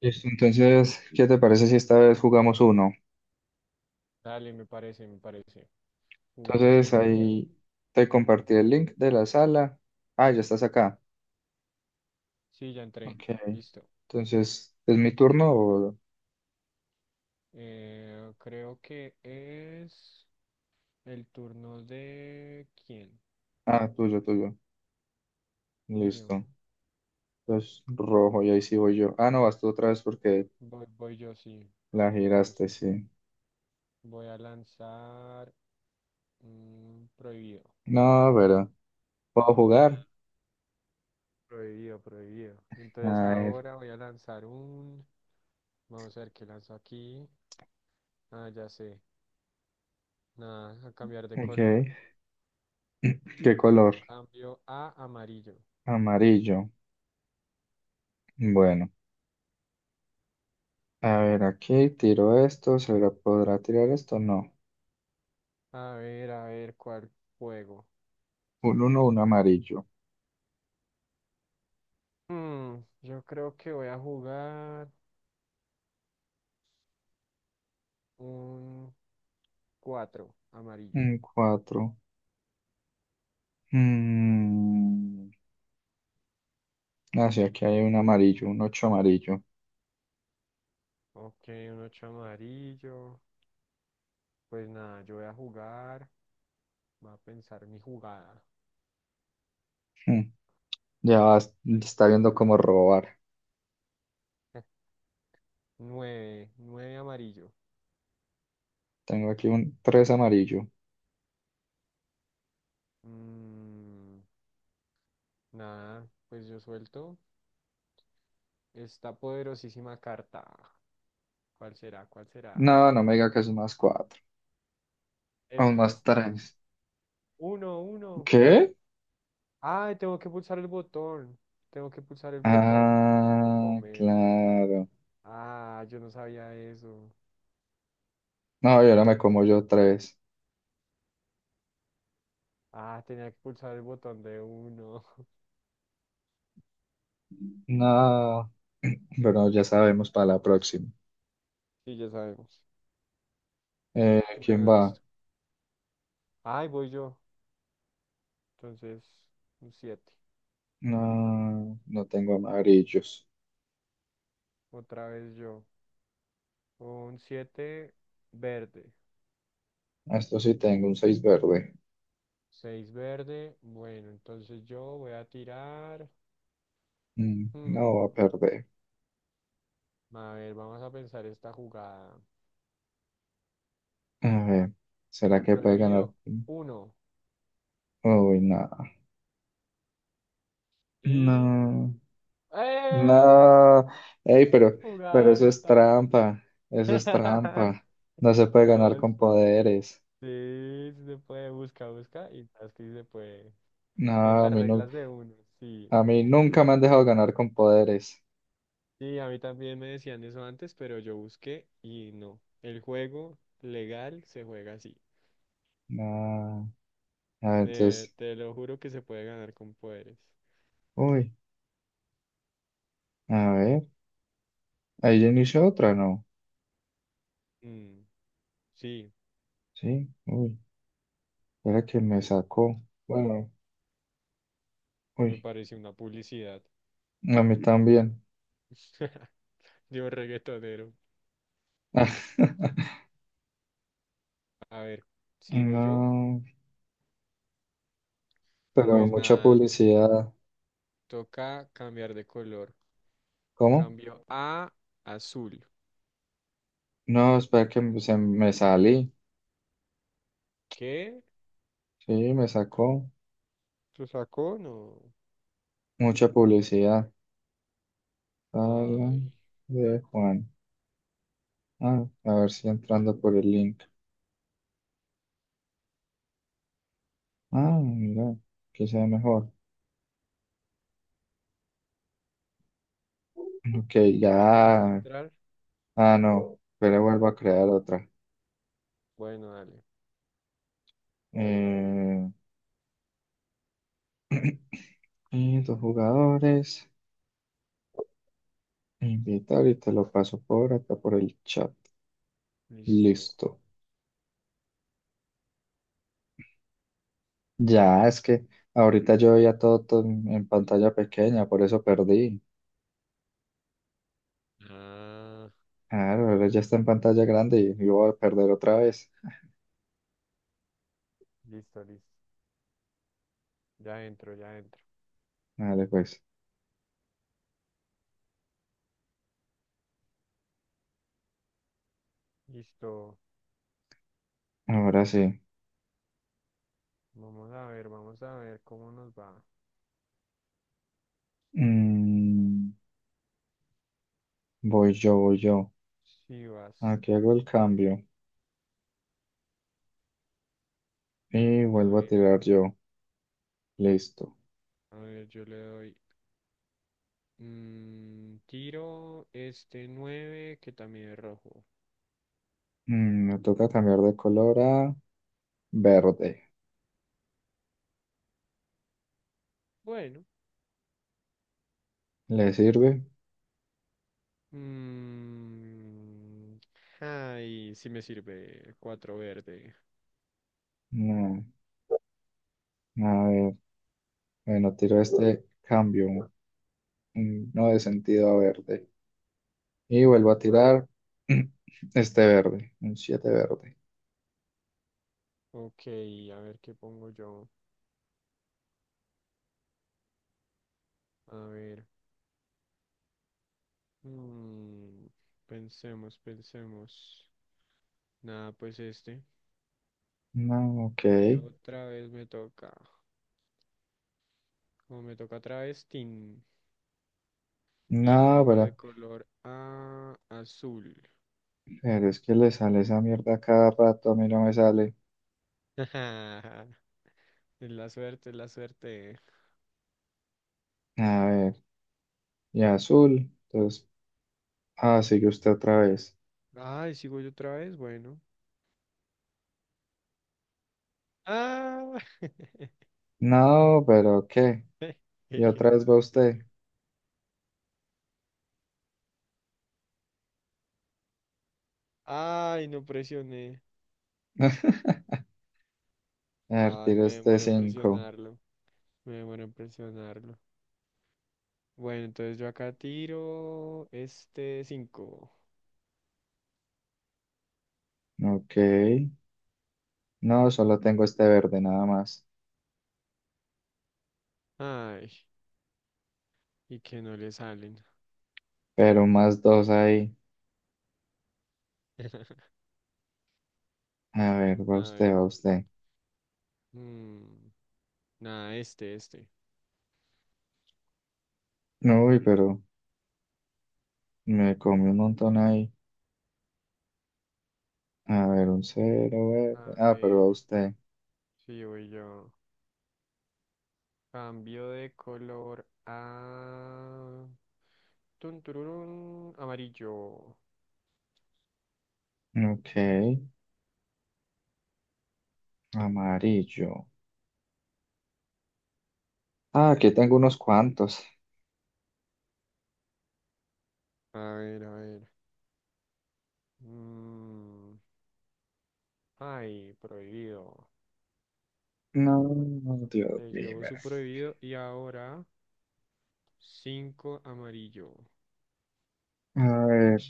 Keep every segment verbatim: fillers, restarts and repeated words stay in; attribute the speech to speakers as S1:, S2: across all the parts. S1: Listo, entonces, ¿qué te parece si esta vez jugamos uno?
S2: Dale, me parece, me parece. Juguemos
S1: Entonces
S2: uno de una.
S1: ahí te compartí el link de la sala. Ah, ya estás acá.
S2: Sí, ya entré.
S1: Ok,
S2: Listo.
S1: entonces, ¿es mi turno o...?
S2: Eh, ¿creo que es el turno de quién?
S1: Ah, tuyo, tuyo.
S2: Mío.
S1: Listo. Entonces, rojo, y ahí sí voy yo. Ah, no, vas tú otra vez porque
S2: Voy, voy yo, sí.
S1: la giraste,
S2: Entonces
S1: sí.
S2: voy a lanzar mm, prohibido.
S1: No, pero, ¿puedo jugar?
S2: Prohibido, prohibido. Entonces
S1: A ver,
S2: ahora voy a lanzar un... Vamos a ver qué lanzo aquí. Ah, ya sé. Nada, a cambiar de color.
S1: ok. ¿Qué color?
S2: Cambio a amarillo.
S1: Amarillo. Bueno, a ver, aquí tiro esto, ¿se lo podrá tirar esto? No.
S2: A ver, a ver cuál juego.
S1: Un uno, un amarillo.
S2: Mm, yo creo que voy a jugar un cuatro amarillo.
S1: Un cuatro, Mm. Ah, sí, aquí hay un amarillo, un ocho amarillo.
S2: Ok, un ocho amarillo. Pues nada, yo voy a jugar. Voy a pensar mi jugada.
S1: Mm. Ya vas- Está viendo cómo robar.
S2: Nueve, nueve amarillo.
S1: Tengo aquí un tres amarillo.
S2: Mm, Nada, pues yo suelto esta poderosísima carta. ¿Cuál será? ¿Cuál será?
S1: No, no me diga que es un más cuatro.
S2: Es
S1: Un
S2: un más
S1: más
S2: tres.
S1: tres.
S2: Uno, uno.
S1: ¿Qué?
S2: Ay, tengo que pulsar el botón. Tengo que pulsar el botón. Me hicieron
S1: Ah,
S2: comer.
S1: claro.
S2: Ah, yo no sabía eso.
S1: No, y ahora me como yo tres.
S2: Ah, tenía que pulsar el botón de uno.
S1: No, pero ya sabemos para la próxima.
S2: Sí, ya sabemos.
S1: Eh, ¿quién
S2: Bueno,
S1: va?
S2: listo. Ay, voy yo. Entonces, un siete.
S1: No, no tengo amarillos.
S2: Otra vez yo. Un siete verde.
S1: Esto sí, tengo un seis verde.
S2: Seis verde. Bueno, entonces yo voy a tirar.
S1: Mm, No
S2: Hmm,
S1: va a perder.
S2: A ver, vamos a pensar esta jugada.
S1: A ver, ¿será que puede ganar?
S2: Prohibido uno.
S1: Uy, no,
S2: Y...
S1: no,
S2: ¡Eh!
S1: no. Ey, pero, pero
S2: Jugada,
S1: eso es
S2: mata.
S1: trampa, eso es trampa. No se puede ganar
S2: No.
S1: con poderes.
S2: Sí, sí se puede, busca, busca y sabes que sí se puede.
S1: No,
S2: En
S1: a
S2: las
S1: mí, nu-
S2: reglas de uno, sí,
S1: a mí
S2: en serio.
S1: nunca me han dejado ganar con poderes.
S2: Sí, a mí también me decían eso antes, pero yo busqué y no. El juego legal se juega así.
S1: No, a ver,
S2: Te,
S1: entonces,
S2: te lo juro que se puede ganar con poderes.
S1: uy, a ver, ahí ya inició otra, ¿no?
S2: Mm, sí,
S1: Sí, uy, era que me sacó. Bueno,
S2: me
S1: uy,
S2: parece una publicidad.
S1: a mí también.
S2: Yo reggaetonero. A ver, sigo yo.
S1: No, pero
S2: Pues
S1: mucha
S2: nada,
S1: publicidad.
S2: toca cambiar de color.
S1: ¿Cómo?
S2: Cambio a azul.
S1: No, espera que me- se me salí.
S2: ¿Qué?
S1: Sí, me sacó
S2: ¿Lo sacó? No.
S1: mucha publicidad. Sala
S2: Ay,
S1: de Juan. Ah, a ver si entrando por el link. Ah, mira, que sea mejor. Ok,
S2: ¿ya pudiste
S1: ya.
S2: entrar?
S1: Ah, no. Pero vuelvo a crear otra.
S2: Bueno, dale.
S1: Eh, y dos jugadores. Invitar y te lo paso por acá por el chat.
S2: Listo.
S1: Listo. Ya, es que ahorita yo veía todo, todo en en pantalla pequeña, por eso perdí.
S2: Ah,
S1: Claro, ahora ya está en pantalla grande y yo voy a perder otra vez.
S2: listo, listo. Ya entro, ya entro.
S1: Dale, pues.
S2: Listo.
S1: Ahora sí.
S2: Vamos a ver, vamos a ver cómo nos va.
S1: Mm, Voy yo, voy yo.
S2: Si vas.
S1: Aquí hago el cambio y
S2: A
S1: vuelvo a
S2: ver,
S1: tirar yo. Listo.
S2: a ver, yo le doy. Mm, tiro este nueve que también es rojo.
S1: Mm, me toca cambiar de color a verde.
S2: Bueno.
S1: ¿Le sirve?
S2: mm, Ay, sí me sirve. Cuatro verde.
S1: No. A ver, bueno, tiro este cambio. mm, No de sentido a verde. Y vuelvo a tirar este verde. Un siete verde.
S2: Ok, a ver qué pongo yo. A ver. Mm, Pensemos, pensemos. Nada, pues este.
S1: No, ok.
S2: Y otra vez me toca. Como me toca travestín. Y
S1: No,
S2: cambio de
S1: pero
S2: color a azul.
S1: Pero es que le sale esa mierda a cada rato, a mí no me sale.
S2: Es la suerte, es la suerte.
S1: A ver, y azul. Entonces, ah, sigue usted otra vez.
S2: Ay, sigo yo otra vez. Bueno. Ah.
S1: No, pero ¿qué? Y otra vez va usted.
S2: Ay, no presioné.
S1: A ver,
S2: Ay,
S1: tiro
S2: me
S1: este
S2: demoré en
S1: cinco.
S2: presionarlo. Me demoré en presionarlo. Bueno, entonces yo acá tiro este cinco.
S1: Ok. No, solo tengo este verde nada más.
S2: Ay, y que no le salen.
S1: Pero más dos ahí. A ver,
S2: A
S1: va
S2: ver.
S1: usted, va usted.
S2: mm, Nada, este, este.
S1: Uy, pero me comí un montón ahí. A ver, un cero verde.
S2: A
S1: Ah, pero va
S2: ver,
S1: usted.
S2: sí, voy yo. Cambio de color a... tun, tururún, amarillo.
S1: Ok. Amarillo. Ah, aquí tengo unos cuantos.
S2: A ver, a ver. mm, Ay, prohibido.
S1: No, Dios
S2: Se
S1: mío.
S2: llevó su prohibido y ahora cinco amarillo.
S1: A ver,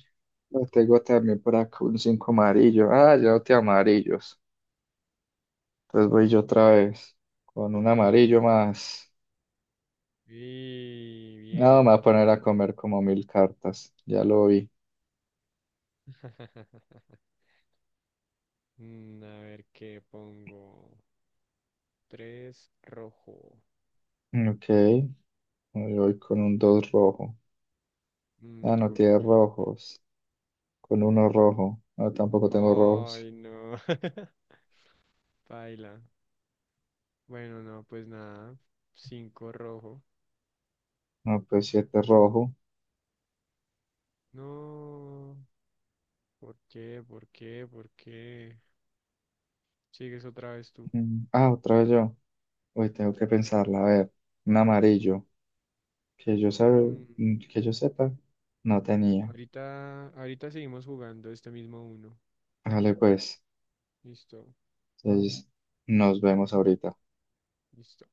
S1: lo tengo también por acá, un cinco amarillo. Ah, ya no te amarillos. Entonces voy yo otra vez con un
S2: Y,
S1: amarillo más.
S2: y
S1: No, me voy a
S2: bien.
S1: poner a comer como mil cartas. Ya lo vi.
S2: Mm, a ver qué pongo. Tres rojo.
S1: Ok, yo voy con un dos rojo.
S2: Mm, Me
S1: Ah, no
S2: tocó
S1: tiene
S2: comer.
S1: rojos. Con uno rojo. No, tampoco tengo rojos.
S2: Ay, no. Paila. Bueno, no, pues nada. Cinco rojo.
S1: No, pues siete rojo.
S2: No. ¿Por qué? ¿Por qué? ¿Por qué? Sigues otra vez tú.
S1: Mm, Ah, otra vez yo. Uy, tengo que pensarla. A ver, un amarillo. que yo sabe,
S2: Mm,
S1: que yo sepa, no tenía.
S2: Ahorita, ahorita seguimos jugando este mismo uno.
S1: Vale, pues,
S2: Listo.
S1: entonces nos vemos ahorita.
S2: Listo.